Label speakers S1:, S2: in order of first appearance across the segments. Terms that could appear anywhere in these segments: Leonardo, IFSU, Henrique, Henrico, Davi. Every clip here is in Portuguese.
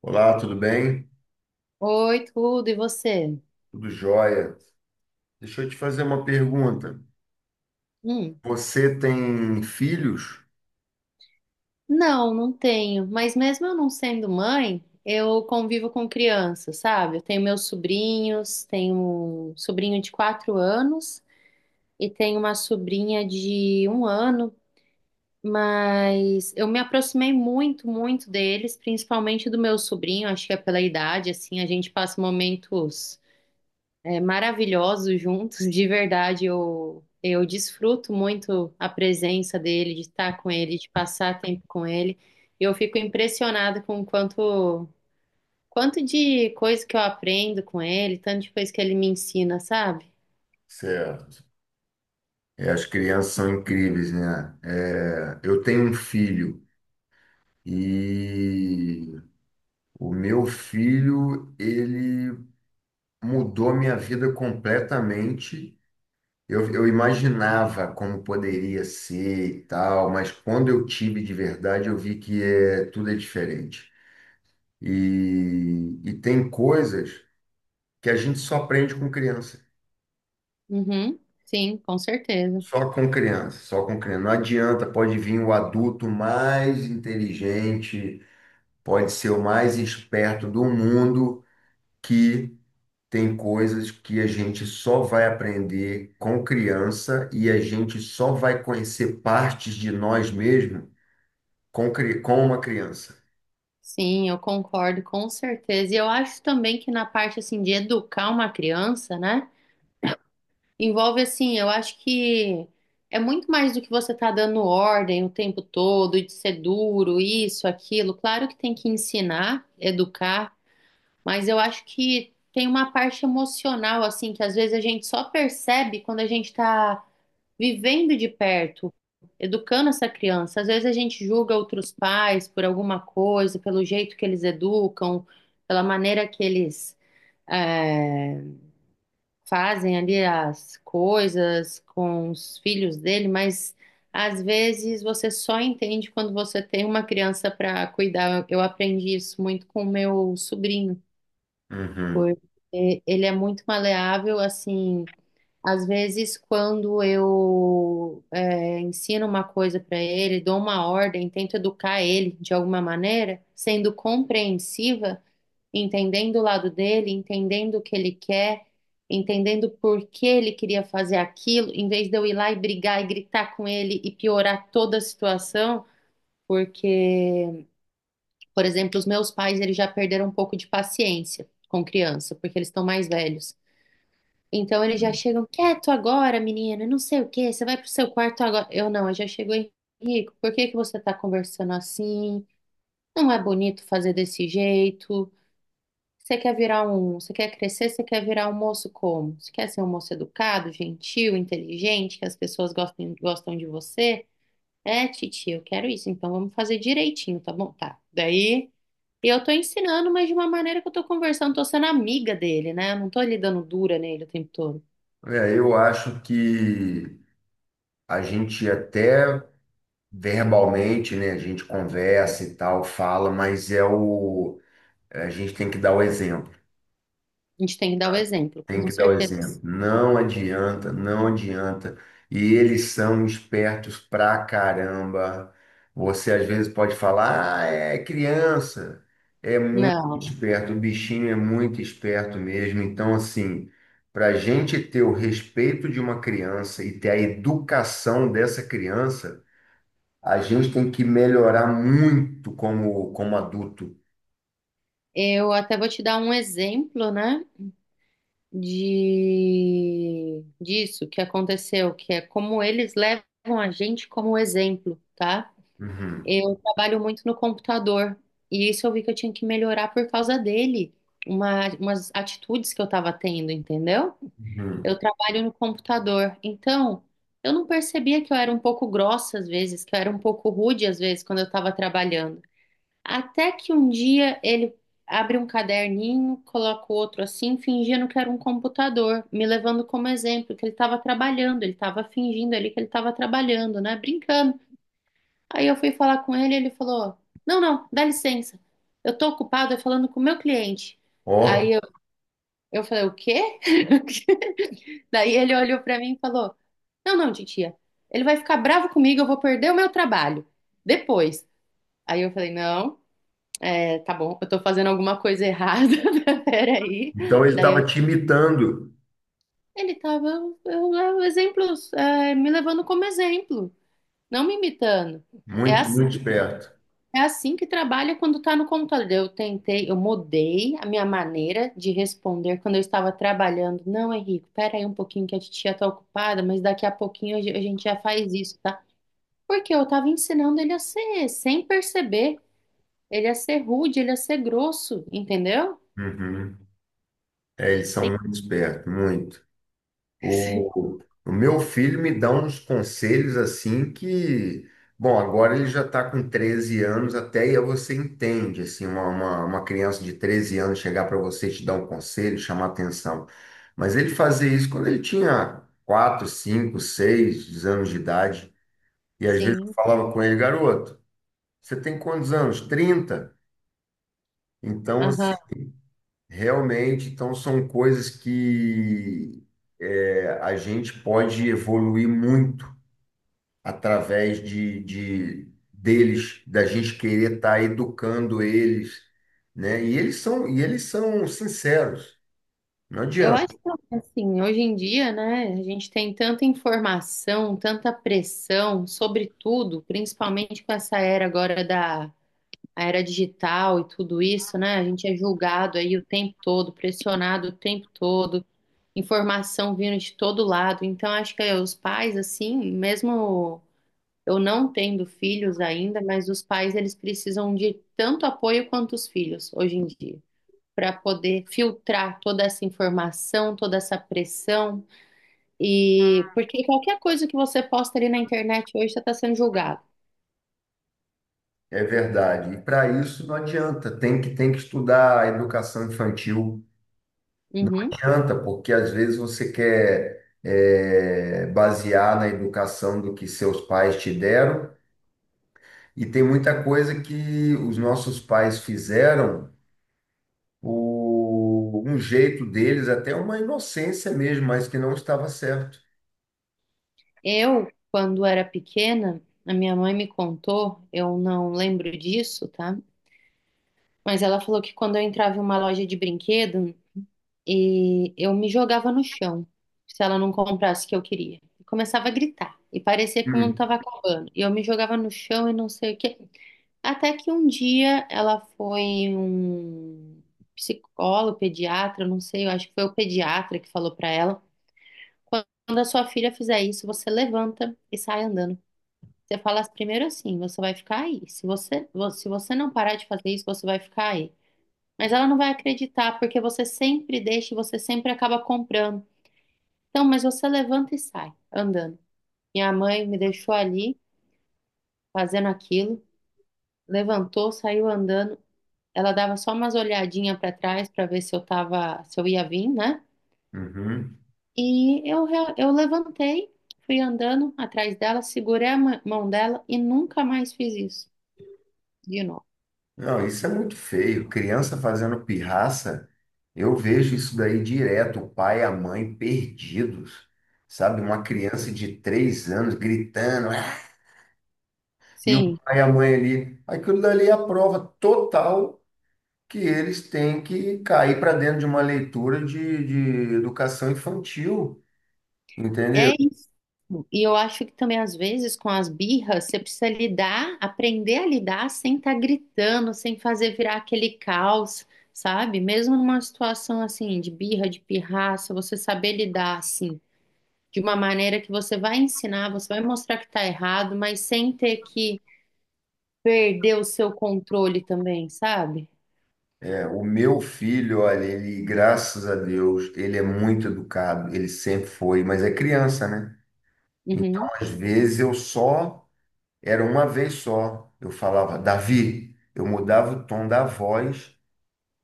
S1: Olá, tudo bem?
S2: Oi, tudo, e você?
S1: Tudo jóia. Deixa eu te fazer uma pergunta.
S2: Hum.
S1: Você tem filhos?
S2: Não, não tenho. Mas mesmo eu não sendo mãe, eu convivo com crianças, sabe? Eu tenho meus sobrinhos, tenho um sobrinho de 4 anos e tenho uma sobrinha de 1 ano, mas eu me aproximei muito, muito deles, principalmente do meu sobrinho, acho que é pela idade, assim, a gente passa momentos, maravilhosos juntos. De verdade, eu desfruto muito a presença dele, de estar com ele, de passar tempo com ele. E eu fico impressionada com o quanto de coisa que eu aprendo com ele, tanto de coisa que ele me ensina, sabe?
S1: Certo. É, as crianças são incríveis, né? É, eu tenho um filho e o meu filho, ele mudou minha vida completamente. Eu imaginava como poderia ser e tal, mas quando eu tive de verdade, eu vi que é, tudo é diferente. E tem coisas que a gente só aprende com criança.
S2: Uhum, sim, com certeza.
S1: Só com criança, só com criança. Não adianta, pode vir o adulto mais inteligente, pode ser o mais esperto do mundo, que tem coisas que a gente só vai aprender com criança e a gente só vai conhecer partes de nós mesmos com, com uma criança.
S2: Sim, eu concordo, com certeza. E eu acho também que na parte assim de educar uma criança, né? Envolve assim, eu acho que é muito mais do que você tá dando ordem o tempo todo, e de ser duro, isso, aquilo. Claro que tem que ensinar, educar, mas eu acho que tem uma parte emocional, assim, que às vezes a gente só percebe quando a gente tá vivendo de perto, educando essa criança. Às vezes a gente julga outros pais por alguma coisa, pelo jeito que eles educam, pela maneira que eles eh, fazem ali as coisas com os filhos dele, mas às vezes você só entende quando você tem uma criança para cuidar. Eu aprendi isso muito com o meu sobrinho,
S1: Uhum.
S2: porque ele é muito maleável, assim. Às vezes, quando eu ensino uma coisa para ele, dou uma ordem, tento educar ele de alguma maneira, sendo compreensiva, entendendo o lado dele, entendendo o que ele quer, entendendo por que ele queria fazer aquilo, em vez de eu ir lá e brigar e gritar com ele e piorar toda a situação, porque, por exemplo, os meus pais, eles já perderam um pouco de paciência com criança, porque eles estão mais velhos. Então eles já chegam quieto agora, menina, não sei o quê, você vai pro seu quarto agora. Eu não, eu já chego, Henrico, por que que você tá conversando assim? Não é bonito fazer desse jeito. Você quer virar um, você quer crescer, você quer virar um moço como? Você quer ser um moço educado, gentil, inteligente, que as pessoas gostem, gostam de você? É, titia, eu quero isso, então vamos fazer direitinho, tá bom? Tá. Daí eu tô ensinando, mas de uma maneira que eu tô conversando, tô sendo amiga dele, né? Eu não tô lhe dando dura nele o tempo todo.
S1: É, eu acho que a gente até verbalmente, né, a gente conversa e tal, fala, mas é o a gente tem que dar o exemplo.
S2: A gente tem que dar o exemplo,
S1: Tem
S2: com
S1: que dar o exemplo.
S2: certeza.
S1: Não adianta, não adianta. E eles são espertos pra caramba. Você às vezes pode falar, ah, é criança. É muito
S2: Não,
S1: esperto, o bichinho é muito esperto mesmo. Então, assim, para a gente ter o respeito de uma criança e ter a educação dessa criança, a gente tem que melhorar muito como, como adulto.
S2: eu até vou te dar um exemplo, né? De disso que aconteceu, que é como eles levam a gente como exemplo, tá?
S1: Uhum,
S2: Eu trabalho muito no computador e isso eu vi que eu tinha que melhorar por causa dele, umas atitudes que eu estava tendo, entendeu?
S1: uhum.
S2: Eu trabalho no computador, então eu não percebia que eu era um pouco grossa às vezes, que eu era um pouco rude às vezes quando eu estava trabalhando. Até que um dia ele abre um caderninho, coloca o outro assim, fingindo que era um computador, me levando como exemplo, que ele estava trabalhando, ele estava fingindo ali que ele estava trabalhando, né? Brincando. Aí eu fui falar com ele, ele falou: não, não, dá licença, eu tô ocupado, é falando com o meu cliente.
S1: Ó,
S2: Aí eu falei: o quê? Daí ele olhou para mim e falou: não, não, titia, ele vai ficar bravo comigo, eu vou perder o meu trabalho. Depois. Aí eu falei: não. É, tá bom, eu tô fazendo alguma coisa errada, peraí.
S1: então ele
S2: Daí
S1: estava
S2: eu-
S1: te imitando.
S2: ele tava, exemplos, me levando como exemplo, não me imitando. É
S1: Muito,
S2: assim,
S1: muito esperto.
S2: é assim que trabalha quando tá no computador. Eu tentei, eu mudei a minha maneira de responder quando eu estava trabalhando. Não, Henrique, peraí um pouquinho que a titia tá ocupada, mas daqui a pouquinho a gente já faz isso, tá? Porque eu tava ensinando ele a ser, sem perceber, ele a ser rude, ele a ser grosso, entendeu?
S1: Uhum. É, eles são
S2: Sem-
S1: muito espertos, muito. O, o meu filho me dá uns conselhos assim que, bom, agora ele já está com 13 anos, até aí você entende, assim, uma criança de 13 anos chegar para você e te dar um conselho, chamar atenção. Mas ele fazia isso quando ele tinha 4, 5, 6 anos de idade, e às vezes eu
S2: Sim,
S1: falava com ele, garoto, você tem quantos anos? 30. Então, assim,
S2: aham.
S1: realmente, então são coisas que a gente pode evoluir muito através de deles, da gente querer estar educando eles, né? E eles são sinceros. Não
S2: Eu
S1: adianta,
S2: acho que assim, hoje em dia, né, a gente tem tanta informação, tanta pressão sobre tudo, principalmente com essa era agora da a era digital e tudo isso, né? A gente é julgado aí o tempo todo, pressionado o tempo todo, informação vindo de todo lado. Então, acho que os pais, assim, mesmo eu não tendo filhos ainda, mas os pais eles precisam de tanto apoio quanto os filhos hoje em dia, para poder filtrar toda essa informação, toda essa pressão. E porque qualquer coisa que você posta ali na internet hoje, você está sendo julgado.
S1: é verdade. E para isso não adianta, tem que estudar a educação infantil. Não
S2: Uhum.
S1: adianta, porque às vezes você quer é, basear na educação do que seus pais te deram, e tem muita coisa que os nossos pais fizeram o, um jeito deles, até uma inocência mesmo, mas que não estava certo.
S2: Eu, quando era pequena, a minha mãe me contou, eu não lembro disso, tá? Mas ela falou que quando eu entrava em uma loja de brinquedo e eu me jogava no chão, se ela não comprasse o que eu queria. Eu começava a gritar e parecia que o mundo
S1: Hum,
S2: estava acabando. E eu me jogava no chão e não sei o quê. Até que um dia ela foi um psicólogo, pediatra, não sei, eu acho que foi o pediatra que falou pra ela: quando a sua filha fizer isso, você levanta e sai andando. Você fala primeiro assim, você vai ficar aí. Se você não parar de fazer isso, você vai ficar aí. Mas ela não vai acreditar, porque você sempre deixa e você sempre acaba comprando. Então, mas você levanta e sai andando. Minha mãe me deixou ali fazendo aquilo, levantou, saiu andando. Ela dava só umas olhadinhas para trás para ver se eu tava, se eu ia vir, né?
S1: uhum.
S2: E eu levantei, fui andando atrás dela, segurei a mão dela e nunca mais fiz isso de novo.
S1: Não, isso é muito feio. Criança fazendo pirraça, eu vejo isso daí direto, o pai e a mãe perdidos, sabe? Uma criança de 3 anos gritando, "Ah!" e o
S2: Sim,
S1: pai e a mãe ali. Aquilo dali é a prova total que eles têm que cair para dentro de uma leitura de educação infantil, entendeu?
S2: é isso. E eu acho que também, às vezes, com as birras, você precisa lidar, aprender a lidar sem estar gritando, sem fazer virar aquele caos, sabe? Mesmo numa situação assim, de birra, de pirraça, você saber lidar assim, de uma maneira que você vai ensinar, você vai mostrar que está errado, mas sem ter que perder o seu controle também, sabe?
S1: O meu filho, olha, ele, graças a Deus, ele é muito educado, ele sempre foi, mas é criança, né? Então,
S2: Uhum.
S1: às vezes, eu só, era uma vez só, eu falava, Davi, eu mudava o tom da voz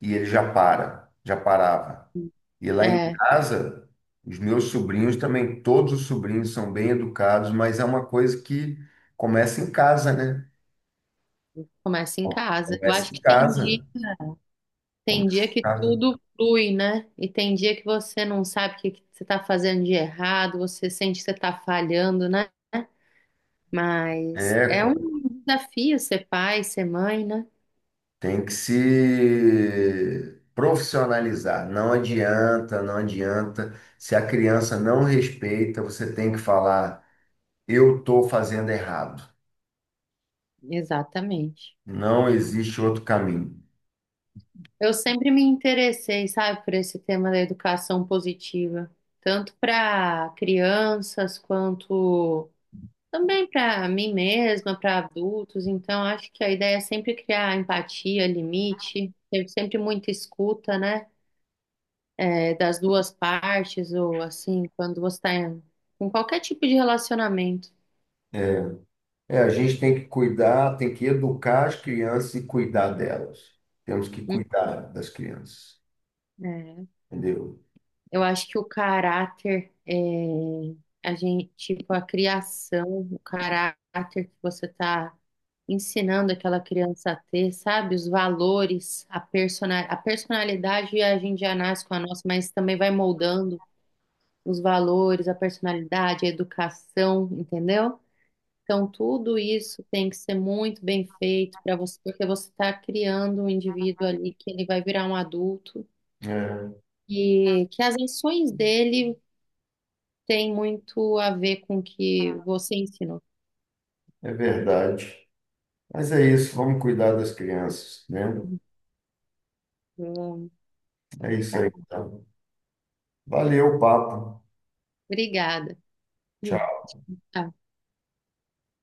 S1: e ele já para, já parava. E lá em
S2: É,
S1: casa, os meus sobrinhos também, todos os sobrinhos são bem educados, mas é uma coisa que começa em casa, né?
S2: começa em casa. Eu acho
S1: Começa em
S2: que
S1: casa,
S2: tem dia
S1: começa em
S2: que
S1: casa.
S2: tudo flui, né? E tem dia que você não sabe o que que você está fazendo de errado, você sente que você está falhando, né? Mas
S1: É,
S2: é um desafio ser pai, ser mãe, né?
S1: tem que se profissionalizar. Não adianta, não adianta. Se a criança não respeita, você tem que falar: eu estou fazendo errado.
S2: Exatamente.
S1: Não existe outro caminho.
S2: Eu sempre me interessei, sabe, por esse tema da educação positiva, tanto para crianças quanto também para mim mesma, para adultos. Então, acho que a ideia é sempre criar empatia, limite, ter sempre muita escuta, né, das duas partes, ou assim, quando você está em, qualquer tipo de relacionamento.
S1: É, é, a gente tem que cuidar, tem que educar as crianças e cuidar delas. Temos que
S2: Hum,
S1: cuidar das crianças,
S2: é.
S1: entendeu?
S2: Eu acho que o caráter é a gente, tipo, a criação, o caráter que você está ensinando aquela criança a ter, sabe? Os valores, a persona, a personalidade a gente já nasce com a nossa, mas também vai moldando os valores, a personalidade, a educação, entendeu? Então, tudo isso tem que ser muito bem feito para você, porque você está criando um indivíduo ali que ele vai virar um adulto
S1: É,
S2: e que as ações dele tem muito a ver com o que você ensinou.
S1: é verdade. Mas é isso, vamos cuidar das crianças, né?
S2: Hum,
S1: É isso
S2: tá.
S1: aí, então. Valeu o papo.
S2: Obrigada. Hum,
S1: Tchau.
S2: tá.